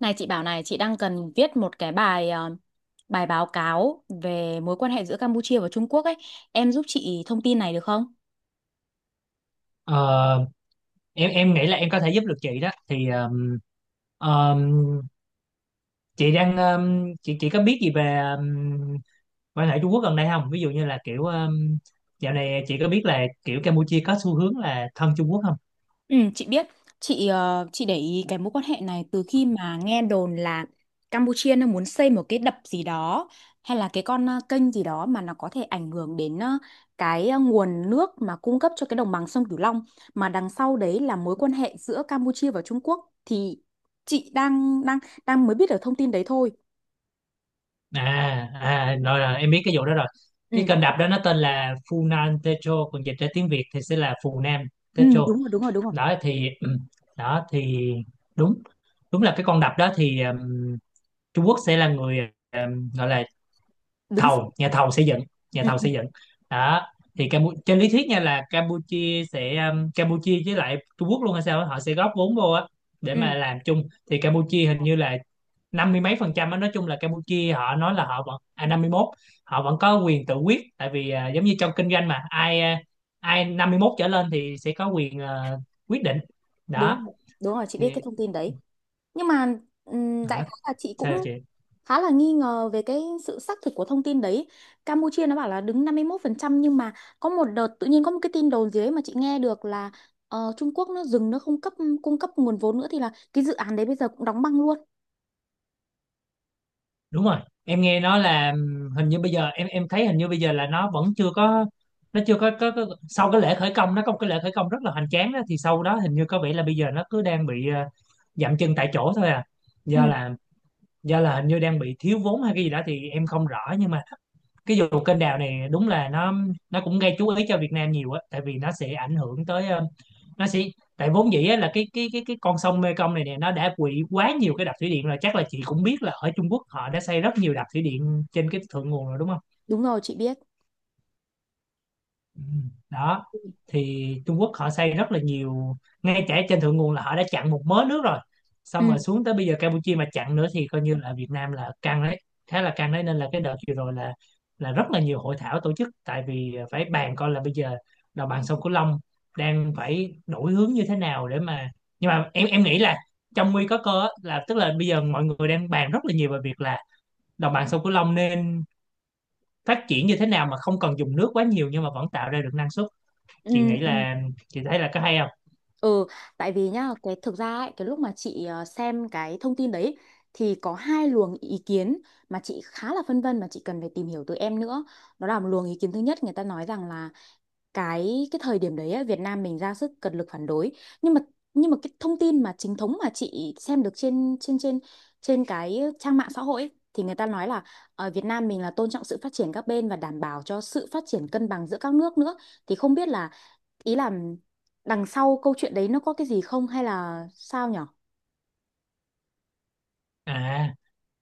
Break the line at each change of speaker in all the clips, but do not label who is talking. Này chị bảo này, chị đang cần viết một cái bài bài báo cáo về mối quan hệ giữa Campuchia và Trung Quốc ấy. Em giúp chị thông tin này được không?
Ờ, em nghĩ là em có thể giúp được chị. Đó thì ờm, chị đang chị có biết gì về quan hệ Trung Quốc gần đây không? Ví dụ như là kiểu dạo này chị có biết là kiểu Campuchia có xu hướng là thân Trung Quốc không?
Ừ, chị biết. Chị để ý cái mối quan hệ này từ khi mà nghe đồn là Campuchia nó muốn xây một cái đập gì đó hay là cái con kênh gì đó mà nó có thể ảnh hưởng đến cái nguồn nước mà cung cấp cho cái đồng bằng sông Cửu Long, mà đằng sau đấy là mối quan hệ giữa Campuchia và Trung Quốc, thì chị đang đang đang mới biết được thông tin đấy thôi.
À rồi em biết cái vụ đó rồi. Cái
Ừ.
kênh đập đó nó tên là Funan Techo, còn dịch ra tiếng Việt thì sẽ là Phù Nam
Ừ,
Techo.
đúng rồi, đúng rồi, đúng rồi.
Đó thì ừ, đó thì đúng đúng là cái con đập đó thì, Trung Quốc sẽ là người, gọi là
Đứng sau.
thầu nhà thầu xây dựng nhà
Ừ,
thầu
ừ,
xây dựng đó. Thì trên lý thuyết nha, là Campuchia sẽ, Campuchia với lại Trung Quốc luôn hay sao á, họ sẽ góp vốn vô á để
ừ,
mà làm chung. Thì Campuchia hình như là năm mươi mấy phần trăm á. Nói chung là Campuchia họ nói là họ vẫn, 51, họ vẫn có quyền tự quyết, tại vì, giống như trong kinh doanh mà ai 51 trở lên thì sẽ có quyền, quyết định đó.
đúng rồi. Đúng rồi, chị
Thì
biết cái thông tin đấy. Nhưng mà đại
đó.
khái là chị cũng
Sao chị?
khá là nghi ngờ về cái sự xác thực của thông tin đấy. Campuchia nó bảo là đứng 51%, nhưng mà có một đợt tự nhiên có một cái tin đồn dưới mà chị nghe được là Trung Quốc nó dừng, nó không cung cấp nguồn vốn nữa, thì là cái dự án đấy bây giờ cũng đóng băng luôn.
Đúng rồi, em nghe nói là hình như bây giờ em thấy hình như bây giờ là nó vẫn chưa có, nó chưa có sau cái lễ khởi công, nó có một cái lễ khởi công rất là hoành tráng đó. Thì sau đó hình như có vẻ là bây giờ nó cứ đang bị, dậm chân tại chỗ thôi à,
Ừ,
do là do là hình như đang bị thiếu vốn hay cái gì đó thì em không rõ. Nhưng mà cái vụ kênh đào này đúng là nó cũng gây chú ý cho Việt Nam nhiều á, tại vì nó sẽ ảnh hưởng tới, ờ, nó sẽ tại vốn dĩ á, là cái con sông Mekong này nè, nó đã quỵ quá nhiều cái đập thủy điện rồi. Chắc là chị cũng biết là ở Trung Quốc họ đã xây rất nhiều đập thủy điện trên cái thượng nguồn rồi đúng không?
đúng rồi, chị biết.
Ừ, đó
Ừ,
thì Trung Quốc họ xây rất là nhiều, ngay cả trên thượng nguồn là họ đã chặn một mớ nước rồi, xong
ừ,
rồi xuống tới bây giờ Campuchia mà chặn nữa thì coi như là Việt Nam là căng đấy, khá là căng đấy. Nên là cái đợt vừa rồi là rất là nhiều hội thảo tổ chức, tại vì phải bàn coi là bây giờ đồng bằng sông Cửu Long đang phải đổi hướng như thế nào để mà, nhưng mà em nghĩ là trong nguy có cơ á, là tức là bây giờ mọi người đang bàn rất là nhiều về việc là đồng bằng sông Cửu Long nên phát triển như thế nào mà không cần dùng nước quá nhiều nhưng mà vẫn tạo ra được năng suất.
ừ.
Chị nghĩ
Ừ.
là, chị thấy là có hay không?
Ừ, tại vì nhá, cái thực ra ấy, cái lúc mà chị xem cái thông tin đấy thì có hai luồng ý kiến mà chị khá là phân vân, mà chị cần phải tìm hiểu từ em nữa. Đó là, một luồng ý kiến thứ nhất, người ta nói rằng là cái thời điểm đấy ấy, Việt Nam mình ra sức cật lực phản đối. Nhưng mà nhưng mà cái thông tin mà chính thống mà chị xem được trên trên trên trên cái trang mạng xã hội ấy, thì người ta nói là ở Việt Nam mình là tôn trọng sự phát triển các bên và đảm bảo cho sự phát triển cân bằng giữa các nước nữa. Thì không biết là, ý là, đằng sau câu chuyện đấy nó có cái gì không hay là sao nhở?
à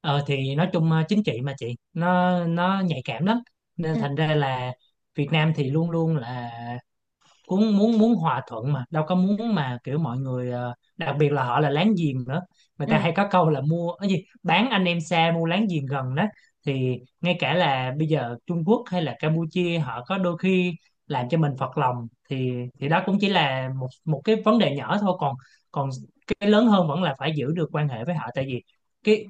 thì nói chung, chính trị mà chị, nó nhạy cảm lắm, nên
Ừ,
thành ra là Việt Nam thì luôn luôn là muốn muốn muốn hòa thuận, mà đâu có muốn mà kiểu mọi người, đặc biệt là họ là láng giềng nữa. Người ta
ừ,
hay có câu là mua cái gì, bán anh em xa mua láng giềng gần đó. Thì ngay cả là bây giờ Trung Quốc hay là Campuchia họ có đôi khi làm cho mình phật lòng, thì đó cũng chỉ là một một cái vấn đề nhỏ thôi. Còn còn cái lớn hơn vẫn là phải giữ được quan hệ với họ, tại vì cái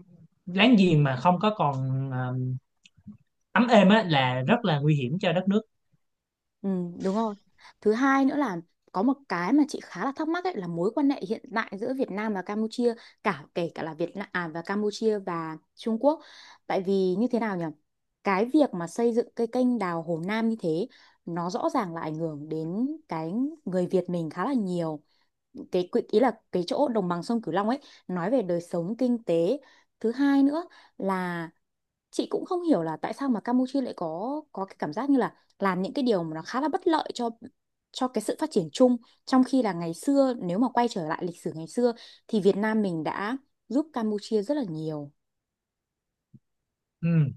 láng giềng mà không có còn, ờ, ấm êm á là rất là nguy hiểm cho đất nước.
ừ, đúng rồi. Thứ hai nữa là có một cái mà chị khá là thắc mắc ấy, là mối quan hệ hiện tại giữa Việt Nam và Campuchia, cả kể cả là Việt Nam và Campuchia và Trung Quốc. Tại vì như thế nào nhở? Cái việc mà xây dựng cái kênh đào Hồ Nam như thế nó rõ ràng là ảnh hưởng đến cái người Việt mình khá là nhiều. Cái ý là cái chỗ đồng bằng sông Cửu Long ấy, nói về đời sống kinh tế. Thứ hai nữa là chị cũng không hiểu là tại sao mà Campuchia lại có cái cảm giác như là làm những cái điều mà nó khá là bất lợi cho cái sự phát triển chung, trong khi là ngày xưa, nếu mà quay trở lại lịch sử ngày xưa, thì Việt Nam mình đã giúp Campuchia rất là nhiều.
Ừ.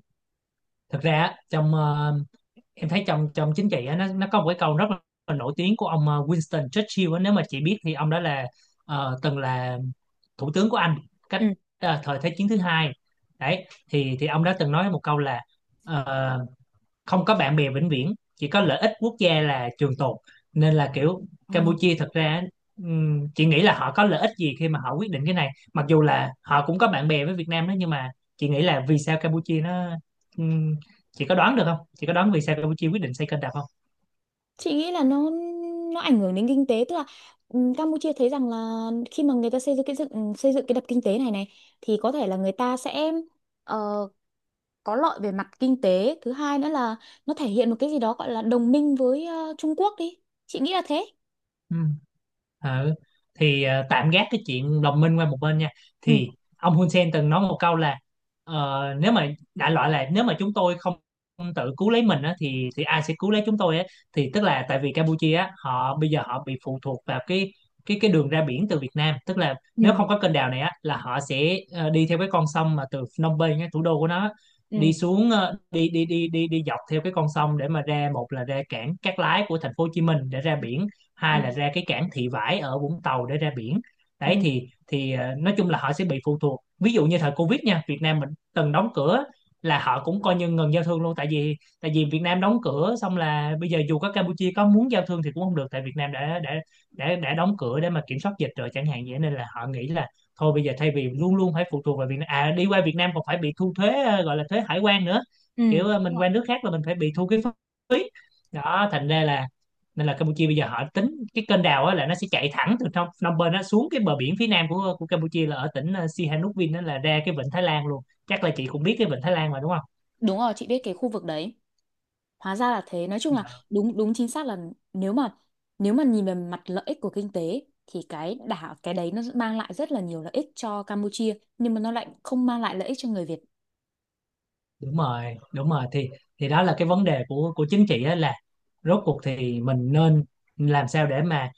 Thực ra á, em thấy trong trong chính trị á, nó có một cái câu rất là nổi tiếng của ông, Winston Churchill á. Nếu mà chị biết thì ông đó là, từng là thủ tướng của Anh cách
Ừ.
thời Thế chiến thứ hai đấy. Thì ông đã từng nói một câu là, ờ, không có bạn bè vĩnh viễn, chỉ có lợi ích quốc gia là trường tồn. Nên là kiểu
Ừ.
Campuchia thật ra, chị nghĩ là họ có lợi ích gì khi mà họ quyết định cái này, mặc dù là họ cũng có bạn bè với Việt Nam đó. Nhưng mà chị nghĩ là vì sao Campuchia nó, ừm, chị có đoán được không? Chị có đoán vì sao Campuchia quyết định xây kênh rạch không?
Chị nghĩ là nó ảnh hưởng đến kinh tế, tức là Campuchia thấy rằng là khi mà người ta xây dựng cái dựng xây dựng cái đập kinh tế này này thì có thể là người ta sẽ có lợi về mặt kinh tế. Thứ hai nữa là nó thể hiện một cái gì đó gọi là đồng minh với Trung Quốc đi. Chị nghĩ là thế.
Ừ. Ừ. Thì tạm gác cái chuyện đồng minh qua một bên nha.
Ừ.
Thì ông Hun Sen từng nói một câu là, ờ, nếu mà đại loại là nếu mà chúng tôi không không tự cứu lấy mình á, thì ai sẽ cứu lấy chúng tôi á. Thì tức là tại vì Campuchia á, họ bây giờ họ bị phụ thuộc vào cái đường ra biển từ Việt Nam. Tức là
Ừ.
nếu không có kênh đào này á là họ sẽ, đi theo cái con sông mà từ Phnom Penh á, thủ đô của nó á,
Ừ.
đi xuống ờ, đi đi đi đi đi dọc theo cái con sông để mà ra, một là ra cảng Cát Lái của thành phố Hồ Chí Minh để ra biển, hai là
Ừ.
ra cái cảng Thị Vải ở Vũng Tàu để ra biển.
Ừ.
Đấy thì, nói chung là họ sẽ bị phụ thuộc. Ví dụ như thời Covid nha, Việt Nam mình từng đóng cửa là họ cũng coi như ngừng giao thương luôn, tại vì, Việt Nam đóng cửa xong là bây giờ dù có Campuchia có muốn giao thương thì cũng không được, tại Việt Nam đã đóng cửa để mà kiểm soát dịch rồi chẳng hạn. Vậy nên là họ nghĩ là thôi, bây giờ thay vì luôn luôn phải phụ thuộc vào Việt Nam, à, đi qua Việt Nam còn phải bị thu thuế, gọi là thuế hải quan nữa,
Ừ.
kiểu,
Đúng
mình
rồi,
qua nước khác là mình phải bị thu cái phí đó. Thành ra là nên là Campuchia bây giờ họ tính cái kênh đào á, là nó sẽ chạy thẳng từ trong Phnom Penh nó xuống cái bờ biển phía nam của Campuchia, là ở tỉnh, Sihanoukville đó, là ra cái vịnh Thái Lan luôn. Chắc là chị cũng biết cái vịnh Thái Lan mà đúng
đúng rồi, chị biết cái khu vực đấy. Hóa ra là thế. Nói chung là
không?
đúng đúng chính xác là, nếu mà nếu mà nhìn về mặt lợi ích của kinh tế thì cái đấy nó mang lại rất là nhiều lợi ích cho Campuchia, nhưng mà nó lại không mang lại lợi ích cho người Việt.
Đúng rồi, đúng rồi, thì đó là cái vấn đề của chính trị á, là rốt cuộc thì mình nên làm sao để mà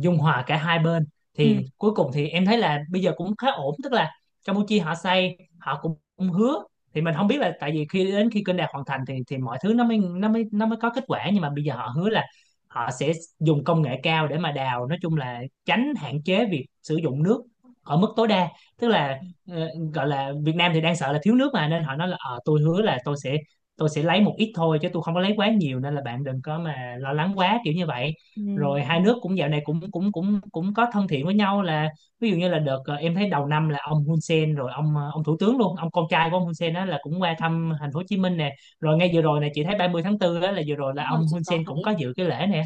dung hòa cả hai bên.
Ừ.
Thì cuối cùng thì em thấy là bây giờ cũng khá ổn, tức là Campuchia họ xây, họ cũng cũng hứa. Thì mình không biết, là tại vì khi đến khi kênh đào hoàn thành thì mọi thứ nó mới có kết quả. Nhưng mà bây giờ họ hứa là họ sẽ dùng công nghệ cao để mà đào, nói chung là tránh hạn chế việc sử dụng nước ở mức tối đa. Tức là, ờ, gọi là Việt Nam thì đang sợ là thiếu nước mà, nên họ nói là, tôi hứa là tôi sẽ lấy một ít thôi chứ tôi không có lấy quá nhiều, nên là bạn đừng có mà lo lắng quá kiểu như vậy.
Ừ.
Rồi
Ừ.
hai nước cũng dạo này cũng cũng cũng cũng có thân thiện với nhau, là ví dụ như là đợt, em thấy đầu năm là ông Hun Sen, rồi ông thủ tướng luôn, ông con trai của ông Hun Sen đó, là cũng qua thăm thành phố Hồ Chí Minh nè. Rồi ngay vừa rồi này chị thấy ba mươi tháng 4 đó, là vừa rồi là
Đúng rồi,
ông
chị
Hun
có
Sen cũng có
thấy.
dự cái lễ nè.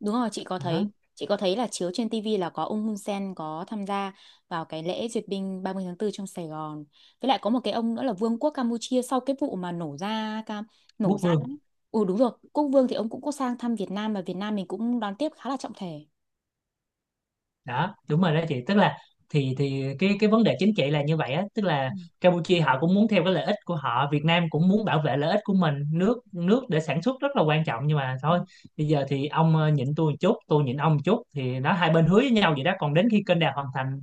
Đúng rồi, chị có
Đó,
thấy. Chị có thấy là chiếu trên TV là có ông Hun Sen có tham gia vào cái lễ duyệt binh 30 tháng 4 trong Sài Gòn. Với lại có một cái ông nữa là Vương quốc Campuchia, sau cái vụ mà nổ ra cam nổ
quốc
ra.
vương
Ấy. Ừ, đúng rồi, Quốc Vương thì ông cũng có sang thăm Việt Nam và Việt Nam mình cũng đón tiếp khá là trọng thể.
đó. Đúng rồi đó chị, tức là thì cái vấn đề chính trị là như vậy á, tức là
Ừ.
Campuchia họ cũng muốn theo cái lợi ích của họ, Việt Nam cũng muốn bảo vệ lợi ích của mình, nước nước để sản xuất rất là quan trọng. Nhưng mà
Ừ.
thôi, bây giờ thì ông, nhịn tôi một chút, tôi nhịn ông một chút, thì nó hai bên hứa với nhau vậy đó. Còn đến khi kênh đào hoàn thành,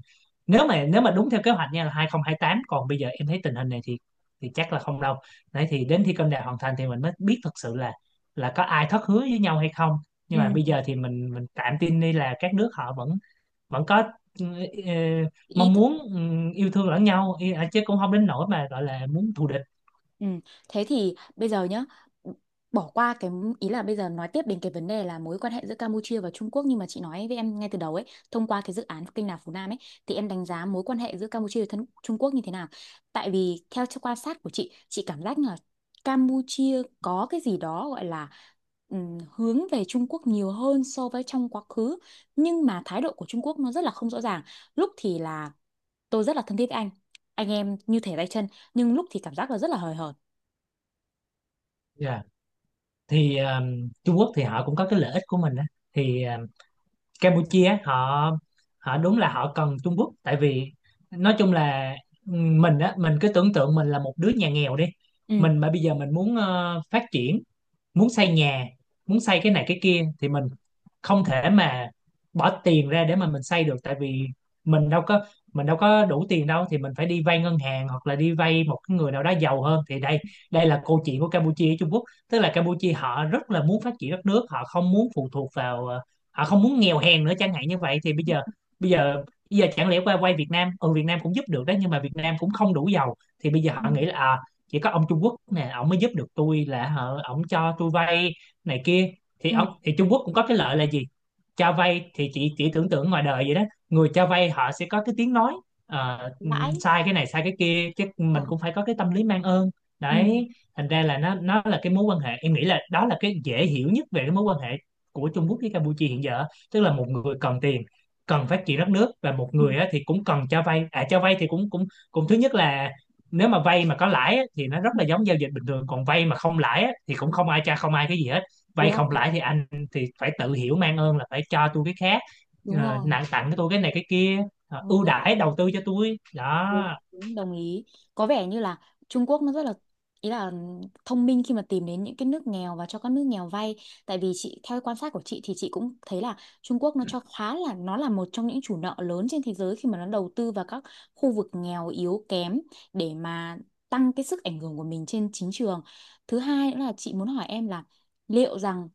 nếu mà đúng theo kế hoạch nha là 2028, còn bây giờ em thấy tình hình này thì chắc là không đâu. Đấy thì đến khi kênh đào hoàn thành thì mình mới biết thật sự là có ai thất hứa với nhau hay không. Nhưng mà
Ừ.
bây giờ thì mình tạm tin đi, là các nước họ vẫn, có, ừ, ờ,
Ý.
mong muốn yêu thương lẫn nhau chứ cũng không đến nỗi mà gọi là muốn thù địch.
Ừ. Thế thì bây giờ nhá, bỏ qua cái, ý là bây giờ nói tiếp đến cái vấn đề là mối quan hệ giữa Campuchia và Trung Quốc, nhưng mà chị nói với em ngay từ đầu ấy, thông qua cái dự án kênh đào Phú Nam ấy, thì em đánh giá mối quan hệ giữa Campuchia và Trung Quốc như thế nào? Tại vì theo quan sát của chị cảm giác là Campuchia có cái gì đó gọi là hướng về Trung Quốc nhiều hơn so với trong quá khứ, nhưng mà thái độ của Trung Quốc nó rất là không rõ ràng. Lúc thì là tôi rất là thân thiết với anh em như thể tay chân, nhưng lúc thì cảm giác là rất là hời hợt.
Dạ. thì ờ, Trung Quốc thì họ cũng có cái lợi ích của mình á. thì ờ, Campuchia họ họ đúng là họ cần Trung Quốc, tại vì nói chung là, mình á, mình cứ tưởng tượng mình là một đứa nhà nghèo đi.
Ừ.
Mình mà bây giờ mình muốn phát triển, muốn xây nhà, muốn xây cái này cái kia thì mình không thể mà bỏ tiền ra để mà mình xây được, tại vì mình đâu có mình đâu có đủ tiền đâu, thì mình phải đi vay ngân hàng hoặc là đi vay một cái người nào đó giàu hơn. Thì đây, đây là câu chuyện của Campuchia với Trung Quốc. Tức là Campuchia họ rất là muốn phát triển đất nước, họ không muốn phụ thuộc vào họ không muốn nghèo hèn nữa, chẳng hạn như vậy. Thì bây giờ bây giờ chẳng lẽ qua quay Việt Nam, ừ, Việt Nam cũng giúp được đó, nhưng mà Việt Nam cũng không đủ giàu. Thì bây giờ
Ừ.
họ nghĩ là à, chỉ có ông Trung Quốc nè, ông mới giúp được tôi, là hở ông cho tôi vay này kia. thì
Ừ.
ông thì Trung Quốc cũng có cái lợi là gì? Cho vay thì chị chỉ tưởng tượng ngoài đời vậy đó, người cho vay họ sẽ có cái tiếng nói,
Lãi.
sai cái này sai cái kia, chứ
Ờ,
mình cũng phải có cái tâm lý mang ơn.
ừ,
Đấy, thành ra là nó là cái mối quan hệ, em nghĩ là đó là cái dễ hiểu nhất về cái mối quan hệ của Trung Quốc với Campuchia hiện giờ. Tức là một người cần tiền, cần phát triển đất nước, và một
ừ,
người á, thì cũng cần cho vay. À, cho vay thì cũng cũng cũng thứ nhất là nếu mà vay mà có lãi á, thì nó rất
ừ,
là giống giao dịch bình thường, còn vay mà không lãi á, thì cũng không ai cha, không ai cái gì hết.
đúng
Vay không
không,
lãi thì anh thì phải tự hiểu mang ơn là phải cho tôi cái khác,
đúng
ờ,
rồi,
nặng tặng cho tôi cái này cái kia, ờ,
đúng
ưu
rồi,
đãi đầu tư cho tôi đó.
đúng, đúng, đồng ý. Có vẻ như là Trung Quốc nó rất là, ý là, thông minh khi mà tìm đến những cái nước nghèo và cho các nước nghèo vay. Tại vì chị, theo quan sát của chị thì chị cũng thấy là Trung Quốc nó cho khá là nó là một trong những chủ nợ lớn trên thế giới khi mà nó đầu tư vào các khu vực nghèo yếu kém để mà tăng cái sức ảnh hưởng của mình trên chính trường. Thứ hai nữa là chị muốn hỏi em là liệu rằng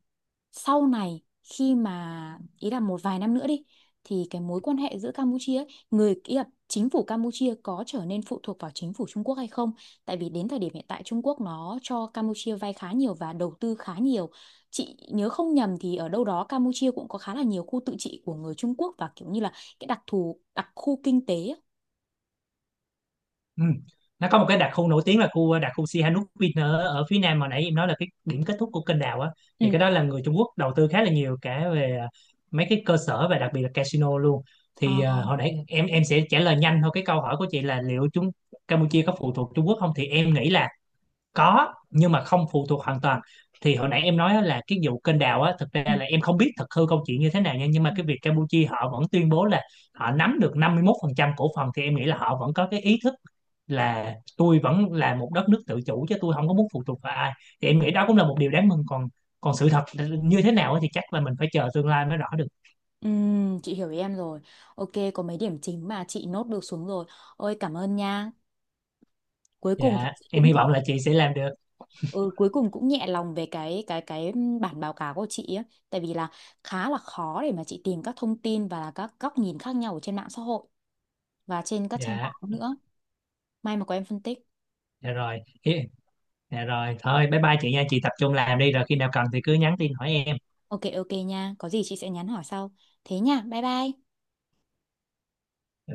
sau này, khi mà, ý là, một vài năm nữa đi, thì cái mối quan hệ giữa Campuchia ấy, người, ý là chính phủ Campuchia, có trở nên phụ thuộc vào chính phủ Trung Quốc hay không? Tại vì đến thời điểm hiện tại Trung Quốc nó cho Campuchia vay khá nhiều và đầu tư khá nhiều. Chị nhớ không nhầm thì ở đâu đó Campuchia cũng có khá là nhiều khu tự trị của người Trung Quốc, và kiểu như là cái đặc khu kinh tế ấy.
Ừ. Nó có một cái đặc khu nổi tiếng là khu đặc khu Sihanouk Vin ở, ở phía nam mà nãy em nói là cái điểm kết thúc của kênh đào á,
Ừ.
thì cái đó là người Trung Quốc đầu tư khá là nhiều, cả về à, mấy cái cơ sở và đặc biệt là casino luôn.
Ờ,
Hồi nãy em sẽ trả lời nhanh thôi cái câu hỏi của chị là liệu chúng Campuchia có phụ thuộc Trung Quốc không, thì em nghĩ là có, nhưng mà không phụ thuộc hoàn toàn. Thì hồi nãy em nói á là cái vụ kênh đào á, thực ra
ừ.
là em không biết thật hư câu chuyện như thế nào nha, nhưng mà
Ừ.
cái việc Campuchia họ vẫn tuyên bố là họ nắm được 51% cổ phần, thì em nghĩ là họ vẫn có cái ý thức là tôi vẫn là một đất nước tự chủ, chứ tôi không có muốn phụ thuộc vào ai. Thì em nghĩ đó cũng là một điều đáng mừng. Còn, còn sự thật như thế nào ấy thì chắc là mình phải chờ tương lai mới rõ được.
Chị hiểu ý em rồi. Ok, có mấy điểm chính mà chị nốt được xuống rồi. Ôi cảm ơn nha. Cuối cùng thì
Dạ,
chị
em
cũng,
hy vọng là chị sẽ làm được.
ừ, cuối cùng cũng nhẹ lòng về cái bản báo cáo của chị á, tại vì là khá là khó để mà chị tìm các thông tin và là các góc nhìn khác nhau ở trên mạng xã hội và trên các trang
Dạ
báo nữa. May mà có em phân tích.
Dạ rồi. Hi- dạ rồi, thôi bye bye chị nha, chị tập trung làm đi, rồi khi nào cần thì cứ nhắn tin hỏi em.
Ok ok nha, có gì chị sẽ nhắn hỏi sau. Thế nha, bye bye.
Dạ.